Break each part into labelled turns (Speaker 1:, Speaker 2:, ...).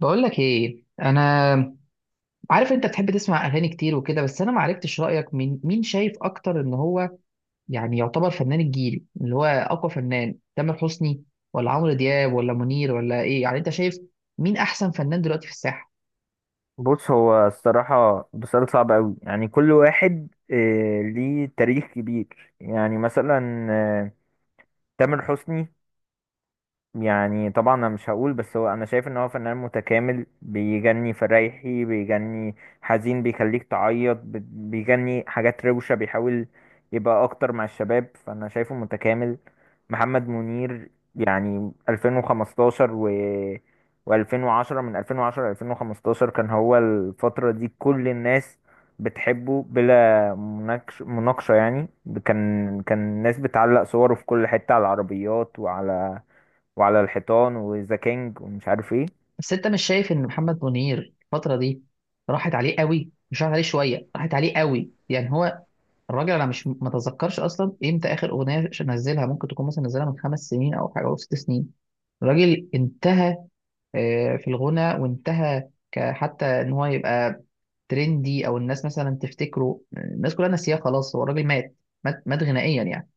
Speaker 1: بقول لك ايه. انا عارف انت بتحب تسمع اغاني كتير وكده، بس انا ما عرفتش رايك، مين شايف اكتر ان هو يعني يعتبر فنان الجيل، اللي هو اقوى فنان، تامر حسني ولا عمرو دياب ولا منير ولا ايه؟ يعني انت شايف مين احسن فنان دلوقتي في الساحه؟
Speaker 2: بص، هو الصراحة بسؤال صعب أوي. يعني كل واحد ليه تاريخ كبير. يعني مثلا تامر حسني، يعني طبعا انا مش هقول، بس هو انا شايف ان هو فنان متكامل. بيجني فريحي، بيجني حزين، بيخليك تعيط، بيجني حاجات روشة، بيحاول يبقى اكتر مع الشباب. فانا شايفه متكامل. محمد منير، يعني 2015 و2010، من 2010 ل 2015 كان هو. الفترة دي كل الناس بتحبه بلا مناقشة يعني. كان الناس بتعلق صوره في كل حتة، على العربيات وعلى الحيطان، وذا كينج ومش عارف ايه.
Speaker 1: بس انت مش شايف ان محمد منير الفتره دي راحت عليه قوي؟ مش راحت عليه شويه، راحت عليه قوي يعني. هو الراجل، انا مش متذكرش اصلا امتى اخر اغنيه نزلها، ممكن تكون مثلا نزلها من خمس سنين او حاجه او ست سنين. الراجل انتهى في الغنى، وانتهى حتى ان هو يبقى ترندي او الناس مثلا تفتكره. الناس كلها ناسياه، خلاص، هو الراجل مات، مات غنائيا يعني.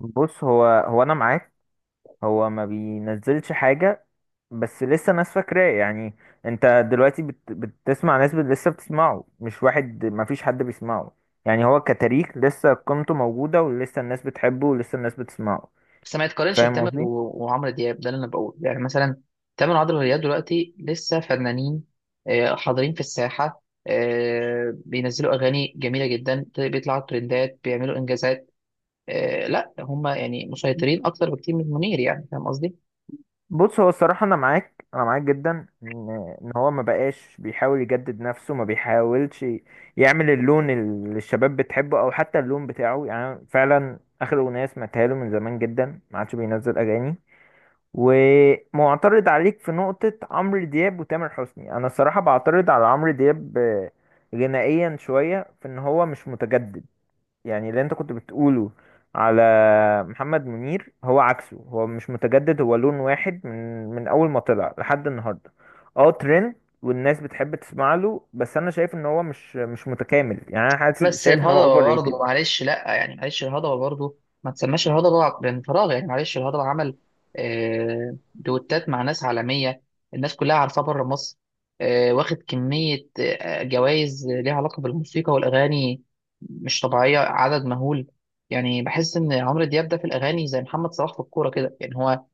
Speaker 2: بص، هو انا معاك. هو ما بينزلش حاجه، بس لسه ناس فاكراه يعني. انت دلوقتي بتسمع ناس، لسه بتسمعه. مش واحد، ما فيش حد بيسمعه. يعني هو كتاريخ لسه قيمته موجوده، ولسه الناس بتحبه ولسه الناس بتسمعه.
Speaker 1: بس ما يتقارنش
Speaker 2: فاهم
Speaker 1: بتامر
Speaker 2: قصدي.
Speaker 1: وعمرو دياب، ده اللي انا بقوله. يعني مثلا تامر وعمرو دياب دلوقتي لسه فنانين، حاضرين في الساحه، بينزلوا اغاني جميله جدا، بيطلعوا ترندات، بيعملوا انجازات. لا، هم يعني مسيطرين اكتر بكتير من منير، يعني فاهم قصدي.
Speaker 2: بص، هو الصراحة أنا معاك، أنا معاك جدا، إن إن هو ما بقاش بيحاول يجدد نفسه. ما بيحاولش يعمل اللون اللي الشباب بتحبه، أو حتى اللون بتاعه. يعني فعلا آخر أغنية سمعتها له من زمان جدا، ما عادش بينزل أغاني. ومعترض عليك في نقطة عمرو دياب وتامر حسني. أنا الصراحة بعترض على عمرو دياب غنائيا شوية، في إن هو مش متجدد. يعني اللي انت كنت بتقوله على محمد منير، هو عكسه. هو مش متجدد، هو لون واحد من اول ما طلع لحد النهارده. اه ترند، والناس بتحب تسمع له. بس انا شايف ان هو مش متكامل. يعني انا حاسس
Speaker 1: بس
Speaker 2: شايف ان هو اوفر
Speaker 1: الهضبة برضه،
Speaker 2: ريتد.
Speaker 1: معلش، لا يعني معلش، الهضبة برضه ما تسماش الهضبة من فراغ يعني. معلش، الهضبة عمل دوتات مع ناس عالمية، الناس كلها عارفاه بره مصر، واخد كمية جوائز ليها علاقة بالموسيقى والأغاني مش طبيعية، عدد مهول. يعني بحس إن عمرو دياب ده في الأغاني زي محمد صلاح في الكورة كده. يعني هو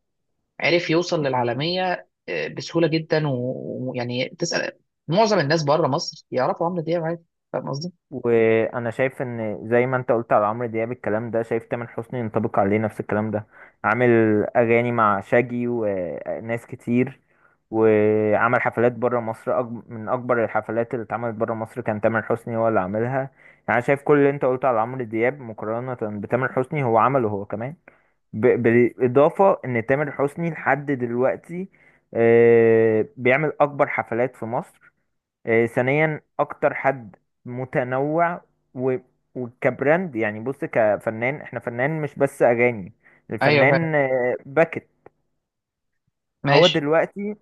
Speaker 1: عرف يوصل
Speaker 2: مم.
Speaker 1: للعالمية بسهولة جدا، ويعني تسأل معظم الناس بره مصر يعرفوا عمرو دياب عادي. فاهم قصدي؟
Speaker 2: وانا شايف ان زي ما انت قلت على عمرو دياب الكلام ده، شايف تامر حسني ينطبق عليه نفس الكلام ده. عامل اغاني مع شاجي وناس كتير، وعمل حفلات بره مصر. من اكبر الحفلات اللي اتعملت بره مصر كان تامر حسني هو اللي عاملها يعني. انا شايف كل اللي انت قلته على عمرو دياب مقارنة بتامر حسني، هو عمله هو كمان. بالاضافة ان تامر حسني لحد دلوقتي بيعمل اكبر حفلات في مصر. ثانيا، اكتر حد متنوع، و... وكبراند. يعني بص، كفنان احنا فنان مش بس اغاني.
Speaker 1: أيوه فاهم.
Speaker 2: الفنان باكت. هو
Speaker 1: ماشي.
Speaker 2: دلوقتي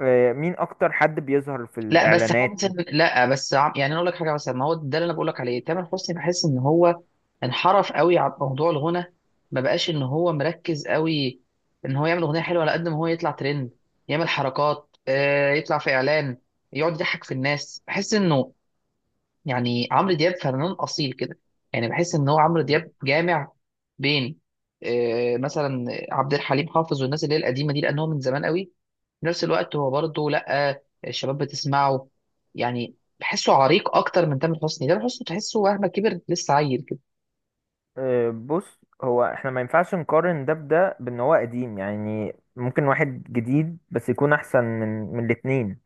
Speaker 2: مين اكتر حد بيظهر في
Speaker 1: لا بس
Speaker 2: الاعلانات؟
Speaker 1: حاسس لا بس يعني انا اقول لك حاجه. مثلا ما هو ده اللي انا بقول لك عليه، تامر حسني بحس ان هو انحرف قوي عن موضوع الغنى، ما بقاش ان هو مركز قوي ان هو يعمل اغنيه حلوه، على قد ما هو يطلع ترند، يعمل حركات، يطلع في اعلان، يقعد يضحك في الناس. بحس انه يعني عمرو دياب فنان اصيل كده. يعني بحس ان هو عمرو دياب جامع بين، مثلا عبد الحليم حافظ والناس اللي هي القديمه دي، لان هو من زمان قوي، في نفس الوقت هو برضه لا الشباب بتسمعه. يعني بحسه عريق اكتر من تامر حسني. تامر حسني تحسه مهما كبر لسه عيل كده.
Speaker 2: بص، هو احنا ما ينفعش نقارن ده بده بان هو قديم. يعني ممكن واحد جديد بس يكون احسن من الاتنين.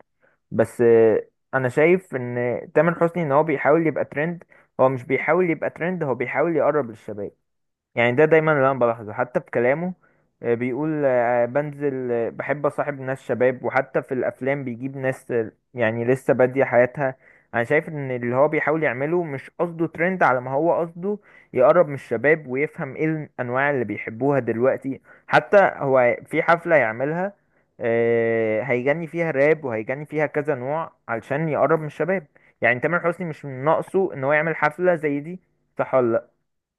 Speaker 2: بس انا شايف ان تامر حسني ان هو بيحاول يبقى ترند. هو مش بيحاول يبقى ترند، هو بيحاول يقرب للشباب. يعني ده دايما اللي انا بلاحظه، حتى في كلامه بيقول بنزل بحب اصاحب ناس شباب، وحتى في الافلام بيجيب ناس يعني لسه بادية حياتها. انا شايف ان اللي هو بيحاول يعمله مش قصده ترند، على ما هو قصده يقرب من الشباب، ويفهم ايه الانواع اللي بيحبوها دلوقتي. حتى هو في حفلة يعملها هيغني فيها راب وهيغني فيها كذا نوع، علشان يقرب من الشباب. يعني تامر حسني مش من ناقصه ان هو يعمل حفلة زي دي، صح ولا لا؟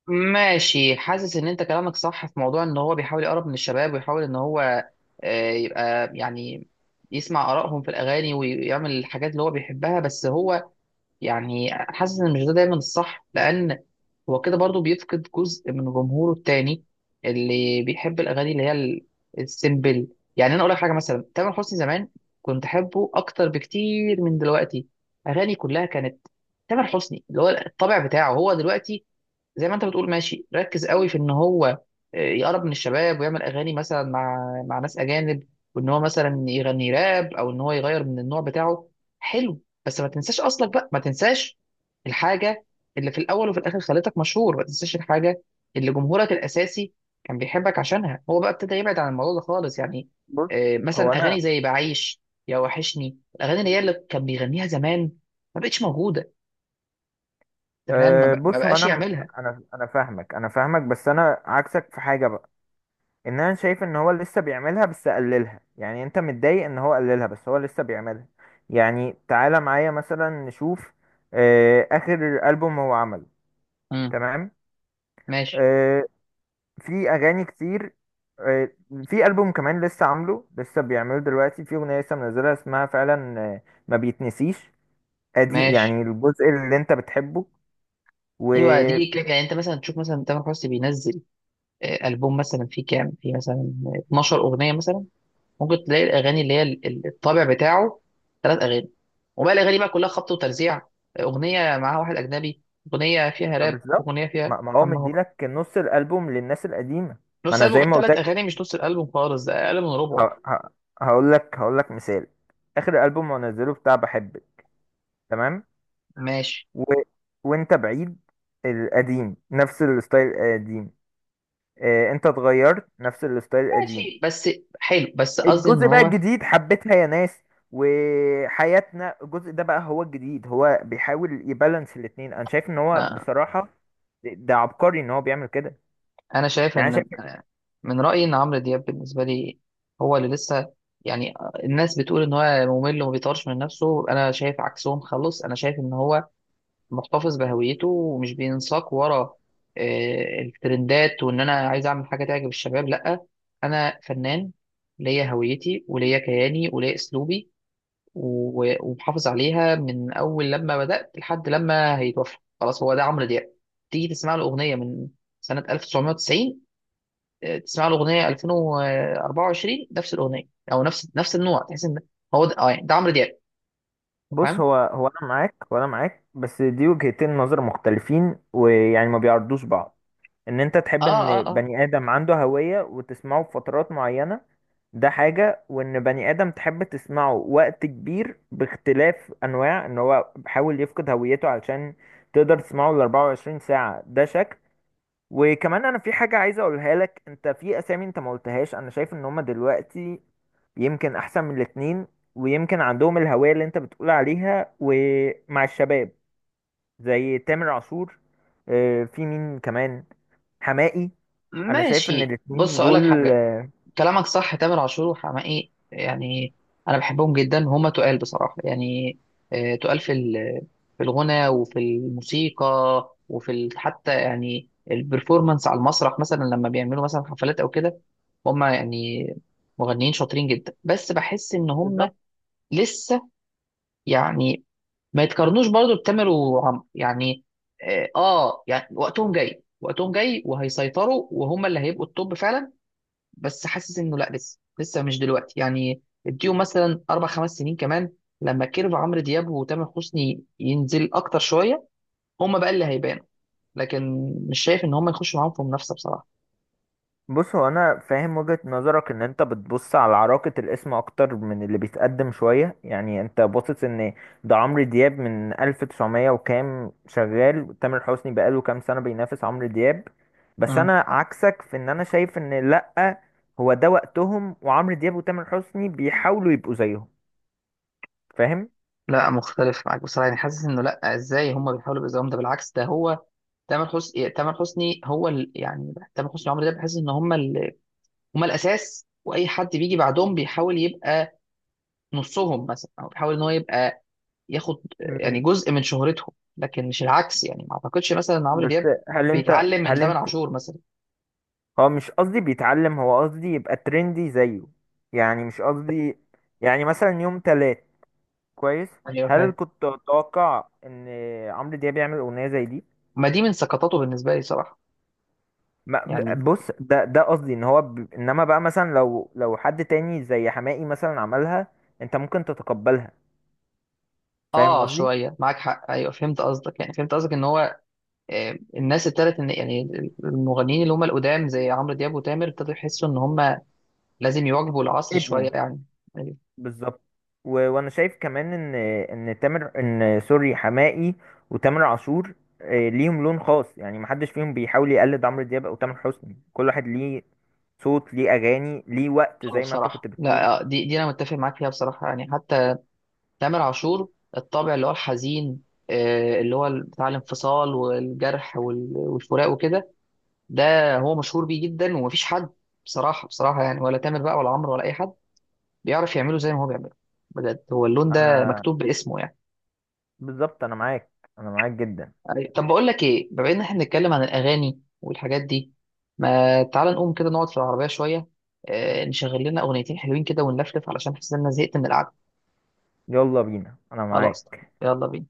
Speaker 1: ماشي، حاسس ان انت كلامك صح في موضوع ان هو بيحاول يقرب من الشباب، ويحاول ان هو يبقى يعني يسمع آرائهم في الأغاني ويعمل الحاجات اللي هو بيحبها. بس هو يعني حاسس ان مش ده دايما الصح، لان هو كده برضو بيفقد جزء من جمهوره التاني، اللي بيحب الاغاني اللي هي السيمبل. يعني انا اقول لك حاجه، مثلا تامر حسني زمان كنت احبه اكتر بكتير من دلوقتي. اغاني كلها كانت تامر حسني، اللي هو الطبع بتاعه. هو دلوقتي زي ما انت بتقول ماشي، ركز قوي في ان هو يقرب من الشباب، ويعمل اغاني مثلا مع، مع ناس اجانب، وان هو مثلا يغني راب، او ان هو يغير من النوع بتاعه. حلو، بس ما تنساش اصلك بقى. ما تنساش الحاجه اللي في الاول وفي الاخر خلتك مشهور. ما تنساش الحاجه اللي جمهورك الاساسي كان بيحبك عشانها. هو بقى ابتدى يبعد عن الموضوع ده خالص يعني.
Speaker 2: بص هو
Speaker 1: مثلا
Speaker 2: انا
Speaker 1: اغاني زي بعيش، يا وحشني، الاغاني اللي هي اللي كان بيغنيها زمان ما بقتش موجوده. انت فاهم؟ ما
Speaker 2: بص، هو
Speaker 1: بقاش
Speaker 2: انا،
Speaker 1: يعملها.
Speaker 2: انا فاهمك، انا فاهمك، بس انا عكسك في حاجه بقى. ان انا شايف ان هو لسه بيعملها بس قللها. يعني انت متضايق ان هو قللها، بس هو لسه بيعملها. يعني تعالى معايا مثلا نشوف اخر البوم هو عمله.
Speaker 1: امم
Speaker 2: تمام.
Speaker 1: ماشي.
Speaker 2: أه في اغاني كتير. أه في البوم كمان لسه عامله، لسه بيعمله دلوقتي. في اغنيه لسه منزلها اسمها فعلا ما بيتنسيش. ادي
Speaker 1: ماشي.
Speaker 2: يعني الجزء اللي انت بتحبه. و...
Speaker 1: ايوه، دي كده يعني. انت مثلا تشوف مثلا تامر حسني بينزل البوم مثلا فيه كام، فيه مثلا 12 اغنيه مثلا، ممكن تلاقي الاغاني اللي هي الطابع بتاعه ثلاث اغاني، وبقى الاغاني بقى كلها خبط وترزيع، اغنيه معاها واحد اجنبي، اغنيه فيها راب،
Speaker 2: بالظبط.
Speaker 1: اغنيه فيها.
Speaker 2: ما هو
Speaker 1: اما هو
Speaker 2: مديلك نص الالبوم للناس القديمه. ما
Speaker 1: نص
Speaker 2: انا
Speaker 1: البوم،
Speaker 2: زي
Speaker 1: انت
Speaker 2: ما قلت
Speaker 1: ثلاث
Speaker 2: لك،
Speaker 1: اغاني مش نص الالبوم خالص، ده اقل من ربعه.
Speaker 2: هقول لك مثال. اخر البوم منزله بتاع بحبك. تمام.
Speaker 1: ماشي.
Speaker 2: و... وانت بعيد، القديم نفس الستايل القديم. انت اتغيرت، نفس الستايل القديم.
Speaker 1: ماشي بس. حلو، بس قصدي ان
Speaker 2: الجزء بقى
Speaker 1: هو
Speaker 2: الجديد، حبيتها يا ناس، وحياتنا، الجزء ده بقى هو الجديد. هو بيحاول يبالانس الاتنين. انا شايف ان هو
Speaker 1: آه،
Speaker 2: بصراحه ده عبقري ان هو بيعمل كده
Speaker 1: انا شايف
Speaker 2: يعني.
Speaker 1: ان، من رأيي إن عمرو دياب بالنسبة لي هو اللي لسه يعني. الناس بتقول إن هو ممل وما بيطورش من نفسه، أنا شايف عكسهم خالص. أنا شايف إن هو محتفظ بهويته ومش بينساق ورا الترندات، وإن أنا عايز أعمل حاجة تعجب الشباب، لأ. أنا فنان ليا هويتي وليا كياني وليا أسلوبي، ومحافظ عليها من أول لما بدأت لحد لما هيتوفى. خلاص، هو ده عمرو دياب. تيجي تسمع له أغنية من سنة 1990، تسمع له اغنيه 2024، نفس الاغنيه او نفس نفس النوع، تحس ان هو ده. اه يعني، ده عمرو دياب.
Speaker 2: بص،
Speaker 1: فاهم.
Speaker 2: هو انا معاك، وانا معاك. بس دي وجهتين نظر مختلفين، ويعني ما بيعرضوش بعض. ان انت
Speaker 1: اه،
Speaker 2: تحب
Speaker 1: اه،
Speaker 2: ان
Speaker 1: اه.
Speaker 2: بني ادم عنده هوية وتسمعه في فترات معينة، ده حاجة. وان بني ادم تحب تسمعه وقت كبير باختلاف انواع، ان هو بيحاول يفقد هويته علشان تقدر تسمعه ال 24 ساعة، ده شكل. وكمان، انا في حاجة عايز اقولها لك، انت في اسامي انت ما قلتهاش. انا شايف ان هما دلوقتي يمكن احسن من الاتنين، ويمكن عندهم الهوية اللي انت بتقول عليها ومع الشباب. زي تامر عاشور في مين كمان، حماقي. انا شايف ان
Speaker 1: ماشي، بص
Speaker 2: الاتنين
Speaker 1: اقول لك
Speaker 2: دول
Speaker 1: حاجه. كلامك صح، تامر عاشور وحماقي يعني، انا بحبهم جدا. هما تقال بصراحه يعني، تقال في في الغنى وفي الموسيقى، وفي حتى يعني البرفورمانس على المسرح، مثلا لما بيعملوا مثلا حفلات او كده. هما يعني مغنيين شاطرين جدا. بس بحس ان هما
Speaker 2: بالظبط.
Speaker 1: لسه يعني، ما يتقارنوش برضو بتامر وعمرو يعني. اه، يعني وقتهم جاي، وقتهم جاي، وهيسيطروا، وهم اللي هيبقوا التوب فعلا. بس حاسس انه لا، لسه، لسه مش دلوقتي يعني. اديهم مثلا اربع خمس سنين كمان، لما كيرف عمرو دياب وتامر حسني ينزل اكتر شويه، هم بقى اللي هيبانوا. لكن مش شايف ان هم يخشوا معاهم في منافسه بصراحه.
Speaker 2: بص، هو انا فاهم وجهة نظرك، ان انت بتبص على عراقة الاسم اكتر من اللي بيتقدم شوية. يعني انت باصص ان ده عمرو دياب من 1900 وكام شغال، تامر حسني بقاله كام سنة بينافس عمرو دياب. بس
Speaker 1: مم.
Speaker 2: انا عكسك في ان انا شايف ان لأ، هو ده وقتهم، وعمرو دياب وتامر حسني بيحاولوا يبقوا زيهم. فاهم.
Speaker 1: لا مختلف معاك بصراحه يعني. حاسس انه لا، ازاي هم بيحاولوا بيزاهم؟ ده بالعكس. ده هو تامر حسني، تامر حسني هو ال... يعني تامر حسني وعمرو دياب بحس ان هم ال... هم الاساس، واي حد بيجي بعدهم بيحاول يبقى نصهم مثلا، او بيحاول ان هو يبقى ياخد يعني
Speaker 2: مم،
Speaker 1: جزء من شهرتهم. لكن مش العكس يعني. ما اعتقدش مثلا ان عمرو
Speaker 2: بس
Speaker 1: دياب
Speaker 2: هل انت
Speaker 1: بيتعلم من
Speaker 2: هل
Speaker 1: تامر
Speaker 2: انت
Speaker 1: عاشور مثلا.
Speaker 2: هو مش قصدي بيتعلم، هو قصدي يبقى ترندي زيه. يعني مش قصدي، يعني مثلا يوم تلات. كويس.
Speaker 1: يعني ايوه
Speaker 2: هل
Speaker 1: فاهم.
Speaker 2: كنت اتوقع ان عمرو دياب يعمل اغنيه زي دي؟
Speaker 1: ما دي من سقطاته بالنسبه لي صراحه
Speaker 2: ما
Speaker 1: يعني.
Speaker 2: ب- بص، ده قصدي ان هو، انما بقى مثلا لو حد تاني زي حماقي مثلا عملها، انت ممكن تتقبلها. فاهم
Speaker 1: اه،
Speaker 2: قصدي.
Speaker 1: شويه معاك حق. ايوه، فهمت قصدك. يعني فهمت قصدك ان هو الناس ابتدت ان يعني، المغنيين اللي هم القدام زي عمرو دياب وتامر ابتدوا يحسوا ان هم لازم يواكبوا العصر
Speaker 2: ادمه،
Speaker 1: شوية يعني. أيوة.
Speaker 2: بالظبط. وانا شايف كمان ان تامر، ان سوري، حماقي وتامر عاشور ليهم لون خاص. يعني محدش فيهم بيحاول يقلد عمرو دياب او تامر حسني. كل واحد ليه صوت، ليه اغاني، ليه وقت، زي ما انت كنت
Speaker 1: بصراحة
Speaker 2: بتقول.
Speaker 1: لا، دي أنا متفق معاك فيها بصراحة يعني. حتى تامر عاشور، الطابع اللي هو الحزين، اللي هو بتاع الانفصال والجرح والفراق وكده، ده هو مشهور بيه جدا. ومفيش حد، بصراحة بصراحة يعني، ولا تامر بقى ولا عمرو ولا أي حد بيعرف يعمله زي ما هو بيعمله. بجد، هو اللون ده
Speaker 2: انا
Speaker 1: مكتوب باسمه يعني.
Speaker 2: بالظبط، انا معاك، انا معاك جدا.
Speaker 1: أيوة. طب بقول لك ايه، بما ان احنا بنتكلم عن الاغاني والحاجات دي، ما تعال نقوم كده نقعد في العربيه شويه، نشغل لنا اغنيتين حلوين كده ونلفلف، علشان حاسس ان انا زهقت من القعده.
Speaker 2: يلا بينا، انا
Speaker 1: خلاص،
Speaker 2: معاك.
Speaker 1: يلا بينا.